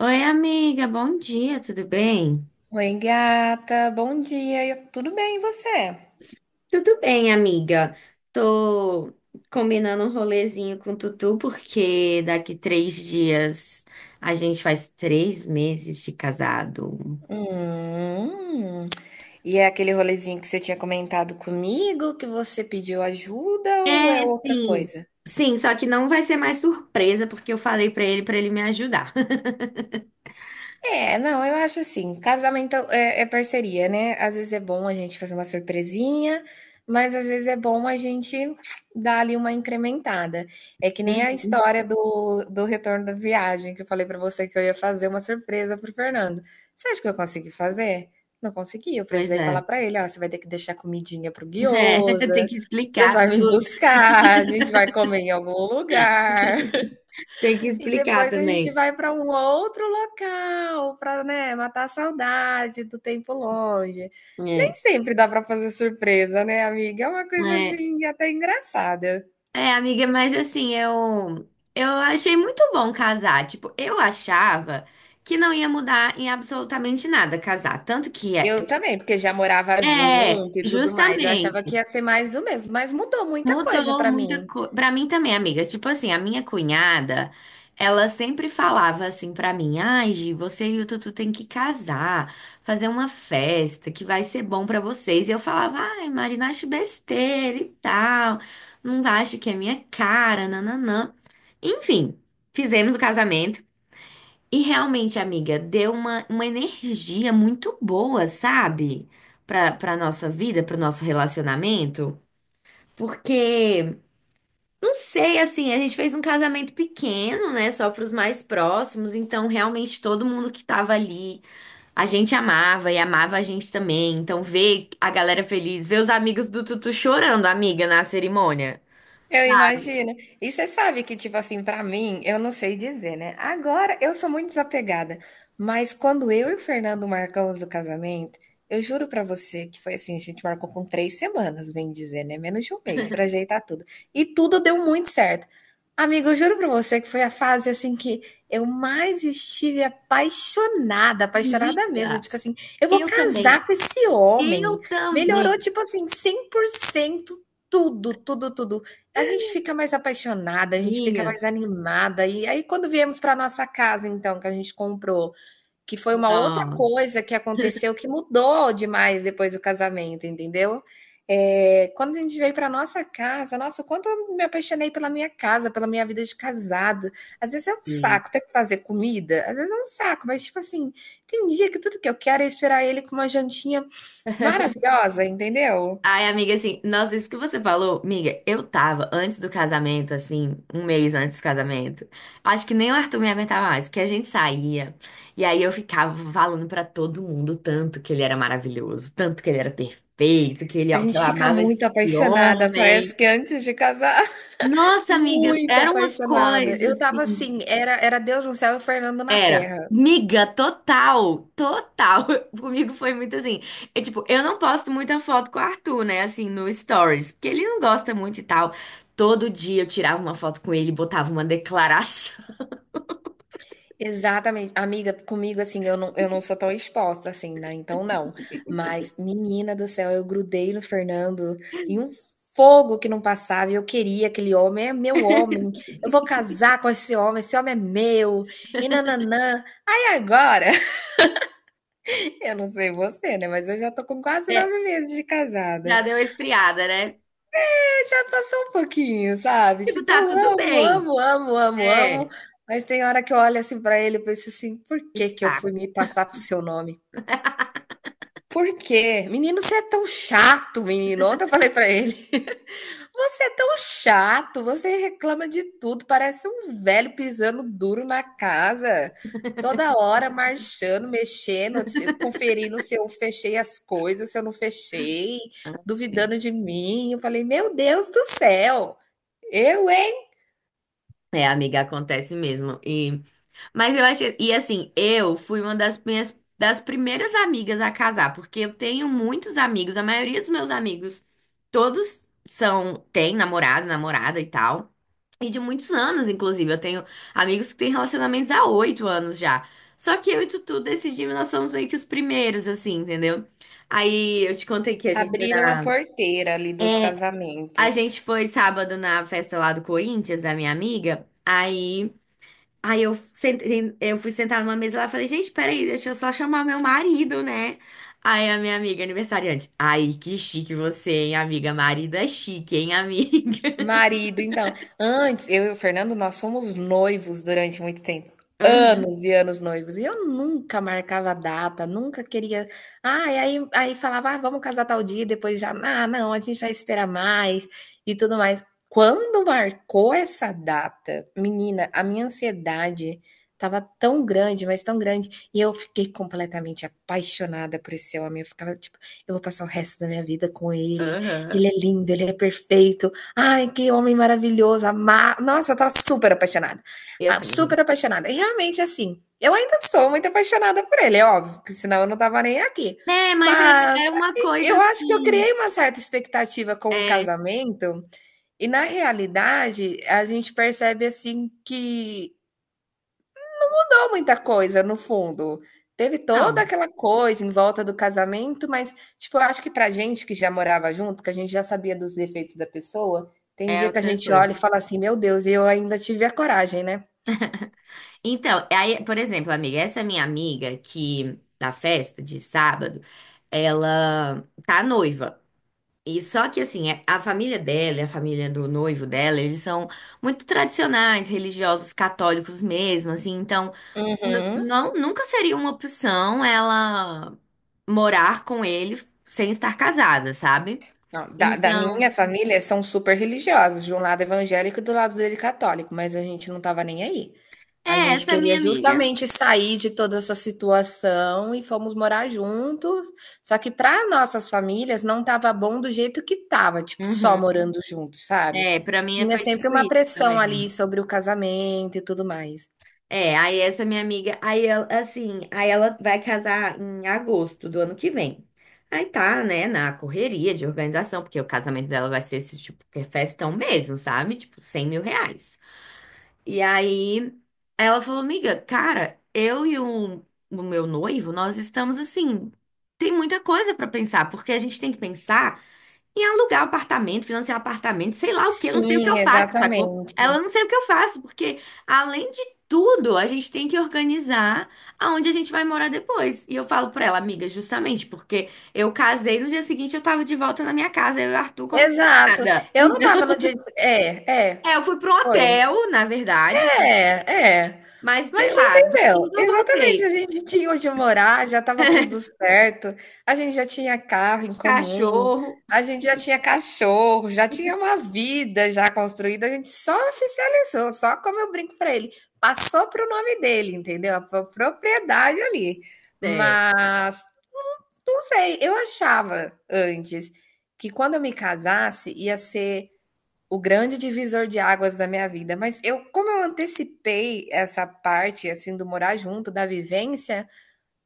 Oi, amiga, bom dia, tudo bem? Oi, gata, bom dia. Tudo bem, e você? Tudo bem, amiga. Tô combinando um rolezinho com o Tutu, porque daqui 3 dias a gente faz 3 meses de casado. Hum. E é aquele rolezinho que você tinha comentado comigo, que você pediu ajuda ou é É, outra sim. coisa? Sim, só que não vai ser mais surpresa, porque eu falei pra ele me ajudar. É, não, eu acho assim, casamento é parceria, né? Às vezes é bom a gente fazer uma surpresinha, mas às vezes é bom a gente dar ali uma incrementada. É que nem a Uhum. história do retorno da viagem, que eu falei pra você que eu ia fazer uma surpresa pro Fernando. Você acha que eu consegui fazer? Não consegui, eu Pois precisei falar é. pra ele, ó, você vai ter que deixar comidinha pro É, tem guiosa, que você explicar vai me tudo. buscar, a gente vai comer em algum lugar. Tem que E explicar depois a gente também. vai para um outro local para, né, matar a saudade do tempo longe. Nem sempre dá para fazer surpresa, né, amiga? É uma coisa É. assim até engraçada. É, amiga, mas assim, eu achei muito bom casar. Tipo, eu achava que não ia mudar em absolutamente nada casar, tanto que é, Eu também, porque já morava é junto e tudo mais. Eu justamente. achava que ia ser mais do mesmo, mas mudou muita coisa Mudou para muita mim. coisa. Pra mim também, amiga. Tipo assim, a minha cunhada, ela sempre falava assim pra mim: ai, Gi, você e o Tutu tem que casar, fazer uma festa que vai ser bom pra vocês. E eu falava: ai, Marina, acho besteira e tal. Não acho que é minha cara, nananã. Enfim, fizemos o casamento. E realmente, amiga, deu uma energia muito boa, sabe? Pra nossa vida, pro nosso relacionamento. Porque. Não sei, assim, a gente fez um casamento pequeno, né, só para os mais próximos, então realmente todo mundo que tava ali, a gente amava e amava a gente também. Então ver a galera feliz, ver os amigos do Tutu chorando, amiga, na cerimônia. Eu Sabe? imagino. E você sabe que, tipo assim, pra mim, eu não sei dizer, né? Agora eu sou muito desapegada, mas quando eu e o Fernando marcamos o casamento, eu juro pra você que foi assim, a gente marcou com 3 semanas, bem dizer, né? Menos de um mês pra ajeitar tudo. E tudo deu muito certo. Amigo, eu juro pra você que foi a fase assim que eu mais estive apaixonada, apaixonada mesmo. Amiga, Tipo assim, eu vou eu também. casar com esse homem. Eu Melhorou, também. tipo assim, 100% tudo, tudo, tudo. A gente fica mais apaixonada, a gente fica Minha. mais animada. E aí, quando viemos para nossa casa, então, que a gente comprou, que foi uma outra Nossa. coisa que aconteceu que mudou demais depois do casamento, entendeu? Eh, quando a gente veio para nossa casa, nossa, o quanto eu me apaixonei pela minha casa, pela minha vida de casada. Às vezes é um saco ter que fazer comida, às vezes é um saco, mas tipo assim, tem dia que tudo que eu quero é esperar ele com uma jantinha maravilhosa, entendeu? Ai, amiga, assim, nossa, isso que você falou, amiga, eu tava antes do casamento, assim, um mês antes do casamento. Acho que nem o Arthur me aguentava mais, porque a gente saía e aí eu ficava falando pra todo mundo o tanto que ele era maravilhoso, tanto que ele era perfeito, que ele, A que eu gente fica amava esse muito apaixonada, parece homem. que antes de casar. Nossa, amiga, Muito era uma apaixonada. coisa Eu tava assim. assim, era Deus no céu e Fernando na Era. terra. Miga, total, total. Comigo foi muito assim. É tipo, eu não posto muita foto com o Arthur, né? Assim, no Stories, porque ele não gosta muito e tal. Todo dia eu tirava uma foto com ele, e botava uma declaração. Exatamente. Amiga, comigo assim, eu não sou tão exposta assim, né, então não. Mas, menina do céu, eu grudei no Fernando em um fogo que não passava e eu queria aquele homem, é meu homem, eu vou casar com esse homem é meu, e nananã. Nã Aí agora, eu não sei você, né, mas eu já tô com quase É, 9 meses de casada. já deu uma esfriada, né? Já passou um pouquinho, sabe? Tipo, Tipo, tá eu tudo amo, bem. amo, amo, amo, amo, É, mas tem hora que eu olho assim pra ele e penso assim: por que que eu está. fui me passar pro seu nome? Por quê? Menino, você é tão chato, menino. Ontem eu falei pra ele: você é tão chato, você reclama de tudo, parece um velho pisando duro na casa, toda hora marchando, mexendo, conferindo se eu fechei as coisas, se eu não fechei, duvidando de mim. Eu falei: meu Deus do céu, eu, hein? É, amiga, acontece mesmo. E mas eu achei, e assim, eu fui uma das minhas das primeiras amigas a casar, porque eu tenho muitos amigos, a maioria dos meus amigos todos são têm namorado, namorada e tal. E de muitos anos, inclusive, eu tenho amigos que têm relacionamentos há 8 anos já. Só que eu e Tutu decidimos, nós somos meio que os primeiros, assim, entendeu? Aí eu te contei que a gente foi Abriram a na. porteira ali dos A gente casamentos. foi sábado na festa lá do Corinthians, da minha amiga. Aí eu, sentei, eu fui sentar numa mesa lá e falei, gente, peraí, deixa eu só chamar meu marido, né? Aí a minha amiga aniversariante, ai, que chique você, hein, amiga? Marido é chique, hein, amiga? Marido, então, antes eu e o Fernando nós fomos noivos durante muito tempo. Aham, Anos e anos noivos. E eu nunca marcava data, nunca queria. Ah, e aí, aí falava, ah, vamos casar tal dia, e depois já, ah, não, a gente vai esperar mais e tudo mais. Quando marcou essa data, menina, a minha ansiedade tava tão grande, mas tão grande, e eu fiquei completamente apaixonada por esse homem. Eu ficava tipo, eu vou passar o resto da minha vida com ele. aham. Ele é lindo, ele é perfeito. Ai, que homem maravilhoso, ama... Nossa, eu tava super apaixonada. Eu Ah, tava. super apaixonada. E realmente, assim, eu ainda sou muito apaixonada por ele, é óbvio, que senão eu não tava nem aqui. É, mas era, Mas era uma e coisa eu acho que eu assim. criei uma certa expectativa com o É, casamento, e na realidade a gente percebe, assim, que mudou muita coisa, no fundo. Teve toda não, aquela coisa em volta do casamento, mas, tipo, eu acho que pra gente que já morava junto, que a gente já sabia dos defeitos da pessoa, tem é dia que a outra gente coisa. olha e fala assim: Meu Deus, eu ainda tive a coragem, né? Então, aí, por exemplo, amiga, essa minha amiga que na festa de sábado, ela tá noiva. E só que assim, a família dela, e a família do noivo dela, eles são muito tradicionais, religiosos, católicos mesmo, assim, então Uhum. não nunca seria uma opção ela morar com ele sem estar casada, sabe? Não, da Então, minha família são super religiosos, de um lado evangélico e do lado dele católico, mas a gente não estava nem aí. A é, gente essa é a queria minha amiga. justamente sair de toda essa situação e fomos morar juntos, só que para nossas famílias não estava bom do jeito que estava, tipo, só Uhum. morando juntos, sabe. É, pra mim Tinha foi sempre tipo uma isso pressão ali também. sobre o casamento e tudo mais. É, aí essa minha amiga, aí ela, assim, aí ela vai casar em agosto do ano que vem. Aí tá, né, na correria de organização, porque o casamento dela vai ser esse tipo, que é festão mesmo, sabe? Tipo, 100 mil reais. E aí ela falou, amiga, cara, eu e o meu noivo, nós estamos assim, tem muita coisa pra pensar, porque a gente tem que pensar em alugar um apartamento, financiar um apartamento, sei lá o que, eu não sei o que eu Sim, faço, sacou? Ela exatamente. não sei o que eu faço, porque além de tudo, a gente tem que organizar aonde a gente vai morar depois. E eu falo pra ela, amiga, justamente porque eu casei, no dia seguinte eu tava de volta na minha casa, eu e o Arthur como se Exato. nada. Eu não estava no dia É, eu fui para um foi. hotel, na verdade, né? É, é. Mas sei Mas você lá, entendeu? domingo eu Exatamente, voltei. a gente tinha onde morar, já estava tudo certo, a gente já tinha carro em comum, Cachorro, a gente já tinha cachorro, já tinha uma vida já construída, a gente só oficializou, só como eu brinco para ele, passou para o nome dele, entendeu? A propriedade ali. é. Mas não sei, eu achava antes que quando eu me casasse ia ser o grande divisor de águas da minha vida, mas eu como eu antecipei essa parte, assim, do morar junto, da vivência,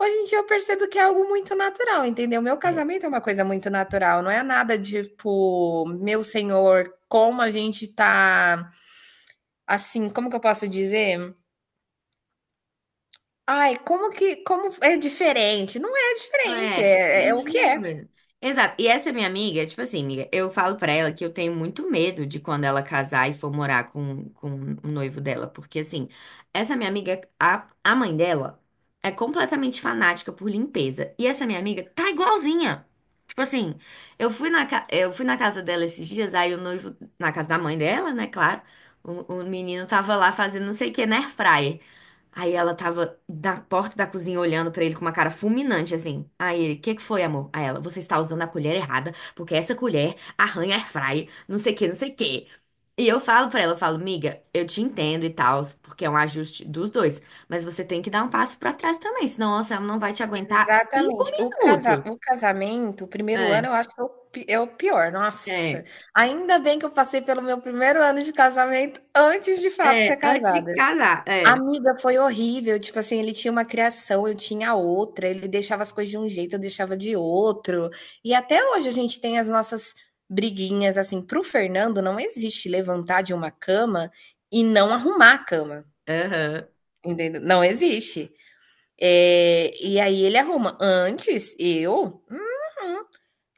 hoje em dia eu percebo que é algo muito natural, entendeu? Meu casamento é uma coisa muito natural, não é nada tipo, meu senhor, como a gente tá assim, como que eu posso dizer? Ai, como que como é diferente? Não é Ah, é, diferente, é a é é o que mesma é. coisa. Exato. E essa minha amiga, tipo assim, amiga, eu falo pra ela que eu tenho muito medo de quando ela casar e for morar com o noivo dela. Porque, assim, essa minha amiga, a mãe dela é completamente fanática por limpeza. E essa minha amiga tá igualzinha. Tipo assim, eu fui na casa dela esses dias, aí o noivo, na casa da mãe dela, né, claro. O menino tava lá fazendo não sei o que na airfryer. Aí ela tava na porta da cozinha olhando pra ele com uma cara fulminante, assim. Aí ele, o que que foi, amor? Aí ela, você está usando a colher errada, porque essa colher arranha air fry, não sei o que, não sei o que. E eu falo pra ela, eu falo, miga, eu te entendo e tal, porque é um ajuste dos dois, mas você tem que dar um passo pra trás também, senão nossa, ela não vai te aguentar cinco Exatamente. O minutos. Casamento, o primeiro É, ano, eu acho que é o pi é o pior, nossa. é, Ainda bem que eu passei pelo meu primeiro ano de casamento antes de fato ser é, antes de casada. casar, é, Amiga, foi horrível, tipo assim, ele tinha uma criação, eu tinha outra, ele deixava as coisas de um jeito, eu deixava de outro. E até hoje a gente tem as nossas briguinhas, assim, para o Fernando não existe levantar de uma cama e não arrumar a cama, aham, entendeu? Não existe. É, e aí ele arruma. Antes, eu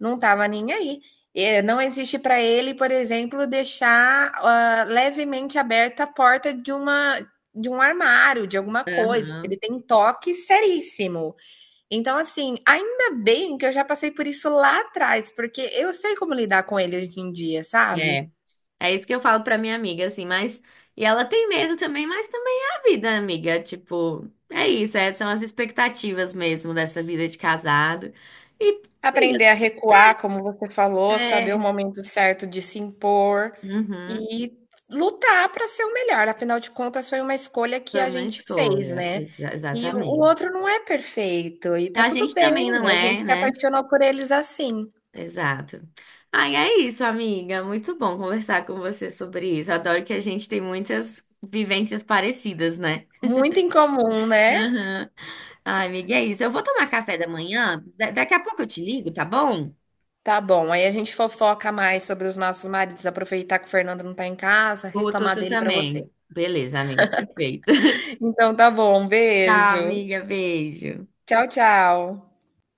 não estava nem aí. É, não existe para ele, por exemplo, deixar levemente aberta a porta de um armário, de alguma coisa, porque ele aham, tem toque seríssimo. Então, assim, ainda bem que eu já passei por isso lá atrás, porque eu sei como lidar com ele hoje em dia, sabe? é. É isso que eu falo pra minha amiga, assim, mas. E ela tem medo também, mas também é a vida, amiga. Tipo, é isso, é, são as expectativas mesmo dessa vida de casado. E, amiga, Aprender a recuar, como você falou, saber o é. momento certo de se impor Uhum, e lutar para ser o melhor, afinal de contas foi uma escolha que foi a uma gente fez, escolha, né. E o exatamente. outro não é perfeito e tá A tudo gente bem, também não a gente é, se né? apaixonou por eles assim. Exato. Ai, é isso, amiga. Muito bom conversar com você sobre isso. Adoro que a gente tem muitas vivências parecidas, né? Muito incomum, né. Aham. Ai, amiga, é isso. Eu vou tomar café da manhã. Daqui a pouco eu te ligo, tá bom? Tá bom, aí a gente fofoca mais sobre os nossos maridos, aproveitar que o Fernando não tá em casa, Vou, tu, reclamar tu dele para você. também. Beleza, amiga, perfeito. Então tá bom, um Tá, beijo. amiga, beijo. Tchau, tchau.